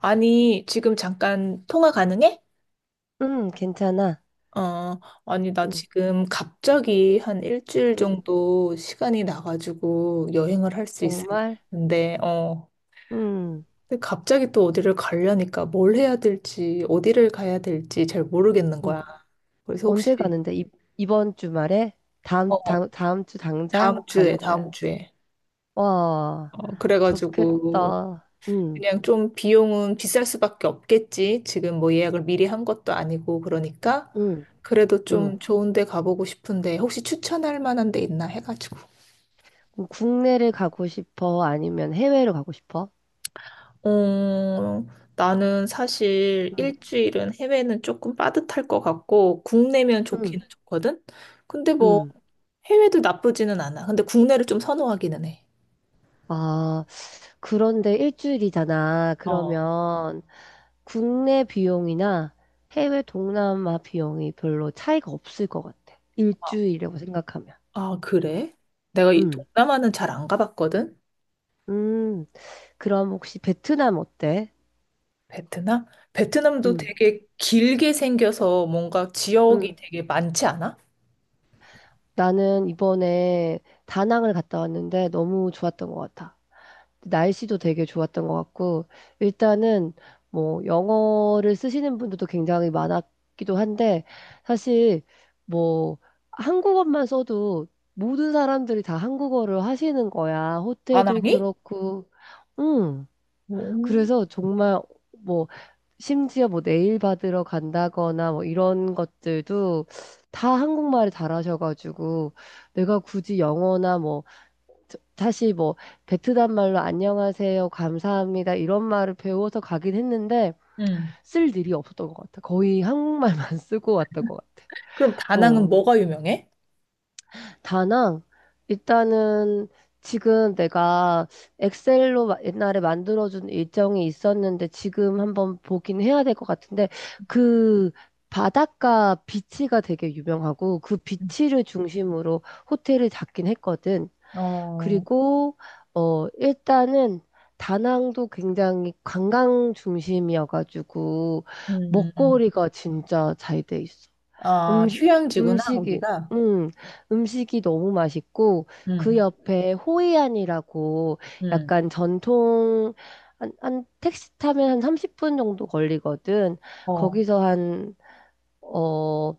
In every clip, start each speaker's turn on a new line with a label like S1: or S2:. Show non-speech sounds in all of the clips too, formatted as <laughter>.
S1: 아니, 지금 잠깐 통화 가능해?
S2: 응, 괜찮아.
S1: 어, 아니, 나
S2: 응,
S1: 지금
S2: 응.
S1: 갑자기 한 일주일
S2: 응.
S1: 정도 시간이 나가지고 여행을 할 수 있을 것
S2: 정말?
S1: 같은데,
S2: 응,
S1: 근데 갑자기 또 어디를 가려니까 뭘 해야 될지, 어디를 가야 될지 잘 모르겠는 거야.
S2: 응.
S1: 그래서 혹시,
S2: 언제 가는데? 이번 주말에? 다음,
S1: 어,
S2: 다음, 다음 주
S1: 다음
S2: 당장
S1: 주에,
S2: 가는 거야?
S1: 다음 주에.
S2: 와,
S1: 어, 그래가지고
S2: 좋겠다. 응,
S1: 그냥 좀 비용은 비쌀 수밖에 없겠지. 지금 뭐 예약을 미리 한 것도 아니고 그러니까
S2: 응,
S1: 그래도
S2: 응.
S1: 좀 좋은 데 가보고 싶은데 혹시 추천할 만한 데 있나 해가지고.
S2: 그럼 국내를 가고 싶어? 아니면 해외로 가고 싶어?
S1: 어, 나는 사실
S2: 응,
S1: 일주일은 해외는 조금 빠듯할 것 같고 국내면
S2: 응,
S1: 좋기는 좋거든. 근데 뭐
S2: 응.
S1: 해외도 나쁘지는 않아. 근데 국내를 좀 선호하기는 해.
S2: 아, 그런데 일주일이잖아.
S1: 어.
S2: 그러면 국내 비용이나 해외 동남아 비용이 별로 차이가 없을 것 같아. 일주일이라고 생각하면.
S1: 아, 그래? 내가 이
S2: 음,
S1: 동남아는 잘 안 가봤거든.
S2: 음, 그럼 혹시 베트남 어때?
S1: 베트남? 베트남도
S2: 음,
S1: 되게 길게 생겨서 뭔가 지역이
S2: 음.
S1: 되게 많지 않아?
S2: 나는 이번에 다낭을 갔다 왔는데 너무 좋았던 것 같아. 날씨도 되게 좋았던 것 같고, 일단은 뭐 영어를 쓰시는 분들도 굉장히 많았기도 한데, 사실 뭐 한국어만 써도 모든 사람들이 다 한국어를 하시는 거야. 호텔도
S1: 다낭이?
S2: 그렇고, 음.
S1: 오.
S2: 그래서 정말 뭐 심지어 뭐 네일 받으러 간다거나 뭐 이런 것들도 다 한국말을 잘하셔가지고 내가 굳이 영어나 뭐 사실 뭐 베트남 말로 안녕하세요, 감사합니다 이런 말을 배워서 가긴 했는데
S1: 음.
S2: 쓸 일이 없었던 것 같아. 거의 한국말만 <laughs> 쓰고 왔던 것 같아.
S1: 그럼 다낭은
S2: 어.
S1: 뭐가 유명해?
S2: 다낭? 일단은 지금 내가 엑셀로 옛날에 만들어준 일정이 있었는데 지금 한번 보긴 해야 될 것 같은데 그 바닷가 비치가 되게 유명하고 그
S1: 음.
S2: 비치를 중심으로 호텔을 잡긴 했거든.
S1: 어,
S2: 그리고 일단은 다낭도 굉장히 관광 중심이어가지고
S1: 음, 음.
S2: 먹거리가 진짜 잘 돼 있어.
S1: 아,
S2: 음식,
S1: 휴양지구나,
S2: 음식이,
S1: 거기가.
S2: 음, 음식이 너무 맛있고, 그
S1: 음,
S2: 옆에 호이안이라고
S1: 음,
S2: 약간 한 택시 타면 한 30분 정도 걸리거든.
S1: 어,
S2: 거기서 어,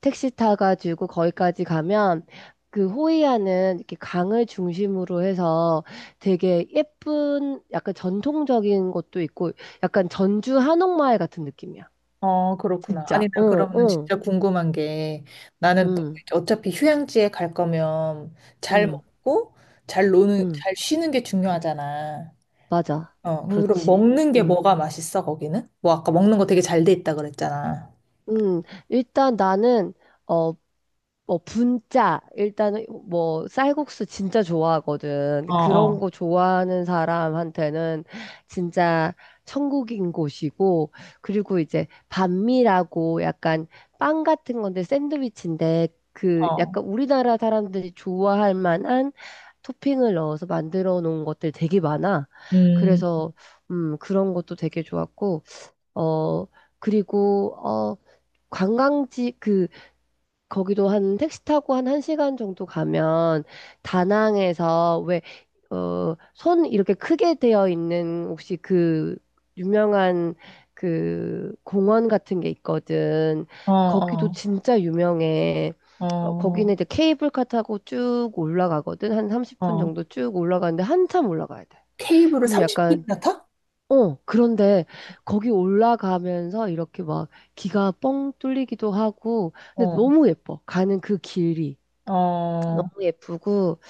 S2: 택시 타가지고 거기까지 가면, 그 호이안은 이렇게 강을 중심으로 해서 되게 예쁜, 약간 전통적인 것도 있고, 약간 전주 한옥마을 같은 느낌이야.
S1: 어, 그렇구나.
S2: 진짜.
S1: 아니,
S2: 어,
S1: 나 그러면은
S2: 어,
S1: 진짜 궁금한 게 나는 또
S2: 응,
S1: 이제 어차피 휴양지에 갈 거면 잘
S2: 응,
S1: 먹고 잘 노는,
S2: 응.
S1: 잘 쉬는 게 중요하잖아.
S2: 맞아.
S1: 어, 그럼
S2: 그렇지.
S1: 먹는 게
S2: 음,
S1: 뭐가 맛있어, 거기는? 뭐 아까 먹는 거 되게 잘 돼 있다 그랬잖아.
S2: 음, 일단 나는, 어, 뭐, 분짜. 일단은, 뭐, 쌀국수 진짜 좋아하거든.
S1: 어,
S2: 그런
S1: 어,
S2: 거 좋아하는 사람한테는 진짜 천국인 곳이고, 그리고 이제 반미라고 약간 빵 같은 건데 샌드위치인데, 그
S1: 어.
S2: 약간 우리나라 사람들이 좋아할 만한 토핑을 넣어서 만들어 놓은 것들 되게 많아.
S1: 음,
S2: 그래서, 그런 것도 되게 좋았고, 어, 그리고, 관광지, 그, 거기도 한 택시 타고 한 1시간 정도 가면 다낭에서 왜, 손 이렇게 크게 되어 있는 혹시 그 유명한 그 공원 같은 게 있거든.
S1: 어,
S2: 거기도
S1: 어,
S2: 진짜 유명해.
S1: 어,
S2: 거기는 이제 케이블카 타고 쭉 올라가거든. 한 30분
S1: 어.
S2: 정도 쭉 올라가는데 한참 올라가야 돼.
S1: 케이블을
S2: 그럼 약간
S1: 30분이나 타?
S2: 그런데 거기 올라가면서 이렇게 막 기가 뻥 뚫리기도 하고, 근데
S1: 어,
S2: 너무 예뻐. 가는 그 길이.
S1: 어,
S2: 너무 예쁘고,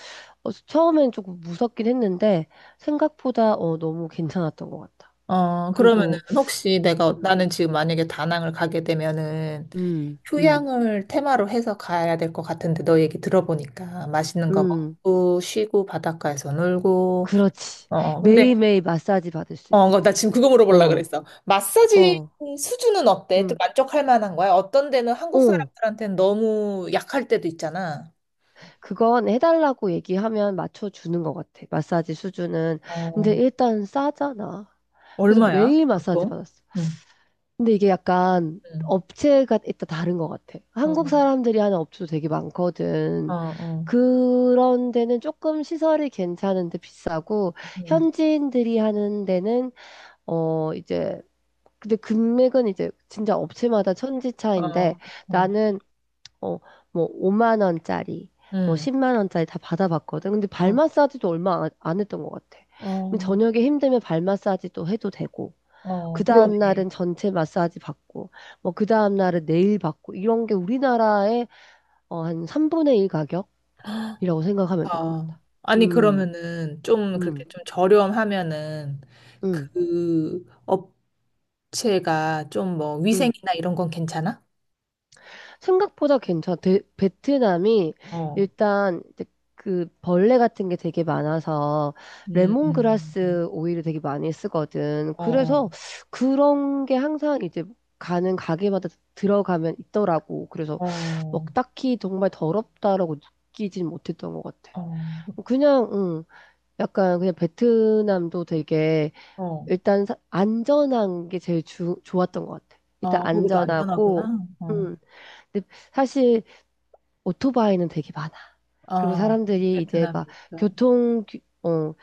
S2: 처음엔 조금 무섭긴 했는데, 생각보다 너무 괜찮았던 것 같아.
S1: 어, 그러면은
S2: 그리고,
S1: 혹시 내가,
S2: 음,
S1: 나는 지금 만약에 다낭을 가게 되면은
S2: 음, 음,
S1: 휴양을 테마로 해서 가야 될 것 같은데 너 얘기 들어보니까 맛있는 거
S2: 음,
S1: 먹고 쉬고 바닷가에서 놀고,
S2: 그렇지.
S1: 어, 어. 근데
S2: 매일매일 마사지 받을 수 있어.
S1: 어, 나 지금 그거 물어보려고
S2: 어,
S1: 그랬어. 마사지
S2: 어,
S1: 수준은 어때? 또
S2: 음.
S1: 만족할 만한 거야? 어떤 데는 한국
S2: 어,
S1: 사람들한테는 너무 약할 때도 있잖아.
S2: 그건 해달라고 얘기하면 맞춰주는 것 같아. 마사지 수준은. 근데
S1: 어,
S2: 일단 싸잖아. 그래서
S1: 얼마야?
S2: 매일 마사지
S1: 보통?
S2: 받았어.
S1: 응,
S2: 근데 이게 약간
S1: 응,
S2: 업체가 일단 다른 것 같아. 한국
S1: 응,
S2: 사람들이 하는 업체도 되게
S1: 어,
S2: 많거든.
S1: 어,
S2: 그런 데는 조금 시설이 괜찮은데 비싸고,
S1: 응,
S2: 현지인들이 하는 데는, 이제, 근데 금액은 이제 진짜 업체마다 천지 차인데,
S1: 어, 어,
S2: 나는, 어, 뭐, 5만 원짜리, 뭐,
S1: 응,
S2: 10만 원짜리 다 받아봤거든. 근데 발
S1: 어,
S2: 마사지도 얼마 안 했던 것 같아.
S1: 어,
S2: 저녁에 힘들면 발 마사지도 해도 되고. 그
S1: 어,
S2: 다음
S1: 그러네.
S2: 날은 전체 마사지 받고, 뭐 그 다음 날은 네일 받고 이런 게 우리나라의 한 3분의 1 가격이라고 생각하면 될 것
S1: 아,
S2: 같아.
S1: 아니,
S2: 음,
S1: 그러면은 좀 그렇게
S2: 음,
S1: 좀 저렴하면은
S2: 음,
S1: 그 업체가 좀 뭐
S2: 음.
S1: 위생이나 이런 건 괜찮아?
S2: 생각보다 괜찮아. 베트남이
S1: 어,
S2: 일단 그 벌레 같은 게 되게 많아서
S1: 음, 음.
S2: 레몬그라스 오일을 되게 많이 쓰거든.
S1: 어, 어,
S2: 그래서 그런 게 항상 이제 가는 가게마다 들어가면 있더라고. 그래서 막
S1: 어,
S2: 딱히 정말 더럽다라고 느끼진 못했던 것 같아.
S1: 어,
S2: 뭐 그냥 응, 약간 그냥 베트남도 되게
S1: 어.
S2: 일단 안전한 게 제일 좋았던 것 같아. 일단
S1: 아, 거기도
S2: 안전하고
S1: 안전하구나. 어,
S2: 음, 근데 사실 오토바이는 되게 많아. 그리고
S1: 아,
S2: 사람들이 이제
S1: 베트남이
S2: 막
S1: 있어요.
S2: 교통 어,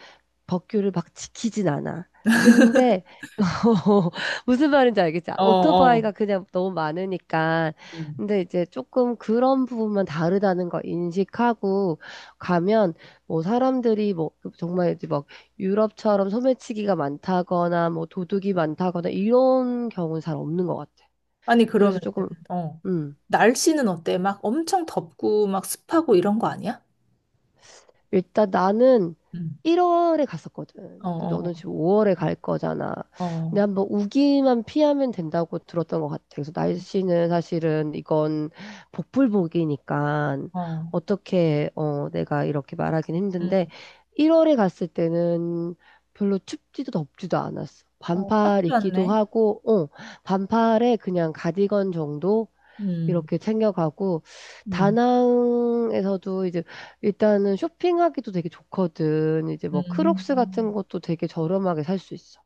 S2: 법규를 막 지키진 않아. 근데 <laughs> 어, 무슨 말인지 알겠지?
S1: 어, 어,
S2: 오토바이가 그냥 너무 많으니까.
S1: 음.
S2: 근데 이제 조금 그런 부분만 다르다는 거 인식하고 가면 뭐 사람들이 뭐 정말 이제 막 유럽처럼 소매치기가 많다거나 뭐 도둑이 많다거나 이런 경우는 잘 없는 것 같아.
S1: 아니,
S2: 그래서
S1: 그러면,
S2: 조금,
S1: 어,
S2: 음.
S1: 날씨는 어때? 막 엄청 덥고 막 습하고 이런 거 아니야?
S2: 일단 나는
S1: 음.
S2: 1월에
S1: 어,
S2: 갔었거든. 근데
S1: 어,
S2: 너는 지금 5월에 갈 거잖아.
S1: 어,
S2: 근데
S1: 어,
S2: 한번 우기만 피하면 된다고 들었던 것 같아. 그래서 날씨는 사실은 이건 복불복이니까
S1: 어,
S2: 어떻게 내가 이렇게 말하긴 힘든데
S1: 음.
S2: 1월에 갔을 때는 별로 춥지도 덥지도 않았어.
S1: 어, 딱
S2: 반팔 입기도
S1: 좋았네.
S2: 하고, 반팔에 그냥 가디건 정도
S1: 음,
S2: 이렇게 챙겨가고
S1: 음,
S2: 다낭에서도 이제 일단은 쇼핑하기도 되게 좋거든. 이제 뭐
S1: 음.
S2: 크록스 같은 것도 되게 저렴하게 살 수 있어.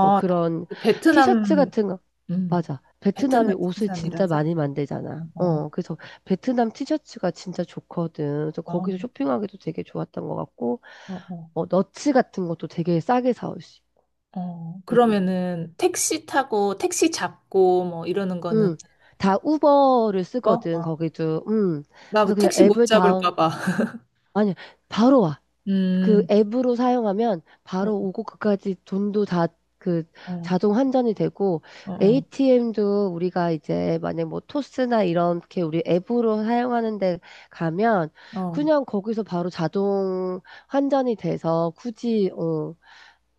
S2: 뭐 그런 티셔츠
S1: 베트남,
S2: 같은 거
S1: 음,
S2: 맞아.
S1: 베트남
S2: 베트남이 옷을 진짜
S1: 생산이라서?
S2: 많이
S1: 어,
S2: 만들잖아.
S1: 어,
S2: 그래서 베트남 티셔츠가 진짜 좋거든. 그래서
S1: 아, 어,
S2: 거기서 쇼핑하기도 되게 좋았던 것 같고,
S1: 어.
S2: 너츠 같은 것도 되게 싸게 사올 수.
S1: 어,
S2: 음,
S1: 그러면은 택시 타고 택시 잡고 뭐 이러는 거는
S2: 음, 다 우버를
S1: 뭐?
S2: 쓰거든. 거기도.
S1: 나 뭐
S2: 그래서 그냥
S1: 택시 못
S2: 앱을 다운.
S1: 잡을까 봐. <laughs>
S2: 아니, 바로 와. 그
S1: 음,
S2: 앱으로 사용하면
S1: 어,
S2: 바로 오고 그까지 돈도 다 그
S1: 어,
S2: 자동 환전이 되고
S1: 어, 어,
S2: ATM도 우리가 이제 만약 뭐 토스나 이렇게 우리 앱으로 사용하는 데 가면
S1: 어,
S2: 그냥 거기서 바로 자동 환전이 돼서 굳이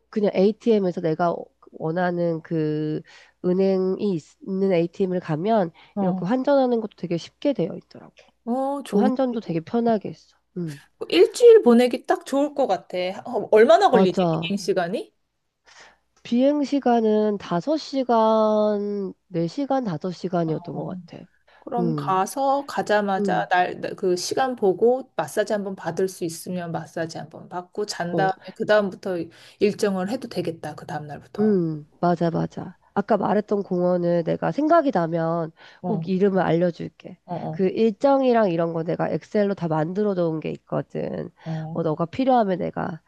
S2: 그냥 ATM에서 내가 원하는 그 은행이 있는 ATM을 가면 이렇게
S1: 어,
S2: 환전하는 것도 되게 쉽게 되어 있더라고.
S1: 어, 좋은데?
S2: 환전도 되게 편하게 했어.
S1: 뭐 일주일 보내기 딱 좋을 것 같아. 어, 얼마나 걸리지? 비행
S2: 맞아.
S1: 시간이?
S2: 비행 시간은 다섯 시간 네 시간 다섯 시간이었던 것
S1: 어,
S2: 같아.
S1: 그럼
S2: 음,
S1: 가서
S2: 음,
S1: 가자마자 날 그 시간 보고 마사지 한번 받을 수 있으면 마사지 한번 받고 잔
S2: 어,
S1: 다음에 그 다음부터 일정을 해도 되겠다. 그 다음 날부터.
S2: 맞아, 맞아. 아까 말했던 공원을 내가 생각이 나면 꼭
S1: 어,
S2: 이름을 알려줄게.
S1: 어, 어,
S2: 그 일정이랑 이런 거 내가 엑셀로 다 만들어 놓은 게 있거든.
S1: 어.
S2: 너가 필요하면 내가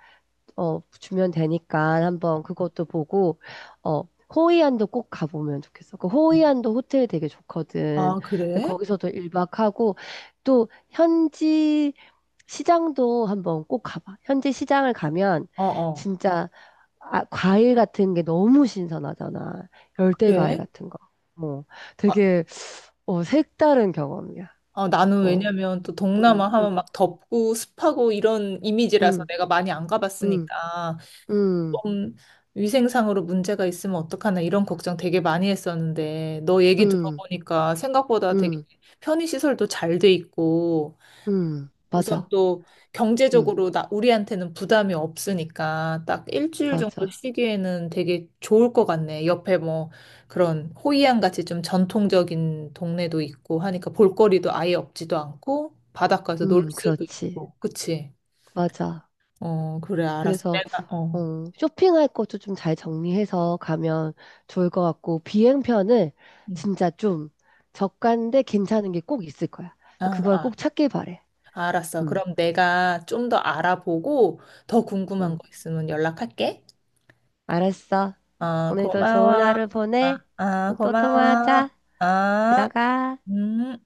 S2: 주면 되니까 한번 그것도 보고, 어, 호이안도 꼭 가보면 좋겠어. 그 호이안도 호텔 되게 좋거든.
S1: 아,
S2: 근데
S1: 그래?
S2: 거기서도 1박하고, 또 현지 시장도 한번 꼭 가봐. 현지 시장을 가면
S1: 어어,
S2: 진짜 아, 과일 같은 게 너무 신선하잖아. 열대 과일
S1: 그래?
S2: 같은 거. 뭐
S1: 아,
S2: 되게 색다른 경험이야.
S1: 어, 나는
S2: 어,
S1: 왜냐면 또
S2: 음,
S1: 동남아
S2: 음,
S1: 하면 막 덥고 습하고 이런 이미지라서
S2: 음,
S1: 내가 많이 안
S2: 음,
S1: 가봤으니까
S2: 음,
S1: 좀 위생상으로 문제가 있으면 어떡하나 이런 걱정 되게 많이 했었는데 너 얘기
S2: 음,
S1: 들어보니까 생각보다 되게
S2: 음,
S1: 편의시설도 잘 돼 있고 우선
S2: 맞아.
S1: 또
S2: 응.
S1: 경제적으로 나, 우리한테는 부담이 없으니까 딱 일주일 정도
S2: 맞아.
S1: 쉬기에는 되게 좋을 것 같네. 옆에 뭐 그런 호이안 같이 좀 전통적인 동네도 있고 하니까 볼거리도 아예 없지도 않고 바닷가에서 놀 수도
S2: 그렇지.
S1: 있고. 그치?
S2: 맞아.
S1: 어, 그래, 알았어.
S2: 그래서,
S1: 내가, 어.
S2: 어, 쇼핑할 것도 좀 잘 정리해서 가면 좋을 것 같고, 비행편을
S1: 응.
S2: 진짜 좀 저가인데 괜찮은 게 꼭 있을 거야.
S1: 아,
S2: 그걸
S1: 아,
S2: 꼭 찾길 바래.
S1: 알았어.
S2: 음,
S1: 그럼 내가 좀 더 알아보고 더
S2: 음.
S1: 궁금한 거 있으면 연락할게.
S2: 알았어.
S1: 아,
S2: 오늘도
S1: 고마워.
S2: 좋은 하루
S1: 아,
S2: 보내.
S1: 아,
S2: 또
S1: 고마워.
S2: 통화하자.
S1: 아.
S2: 들어가.
S1: 음,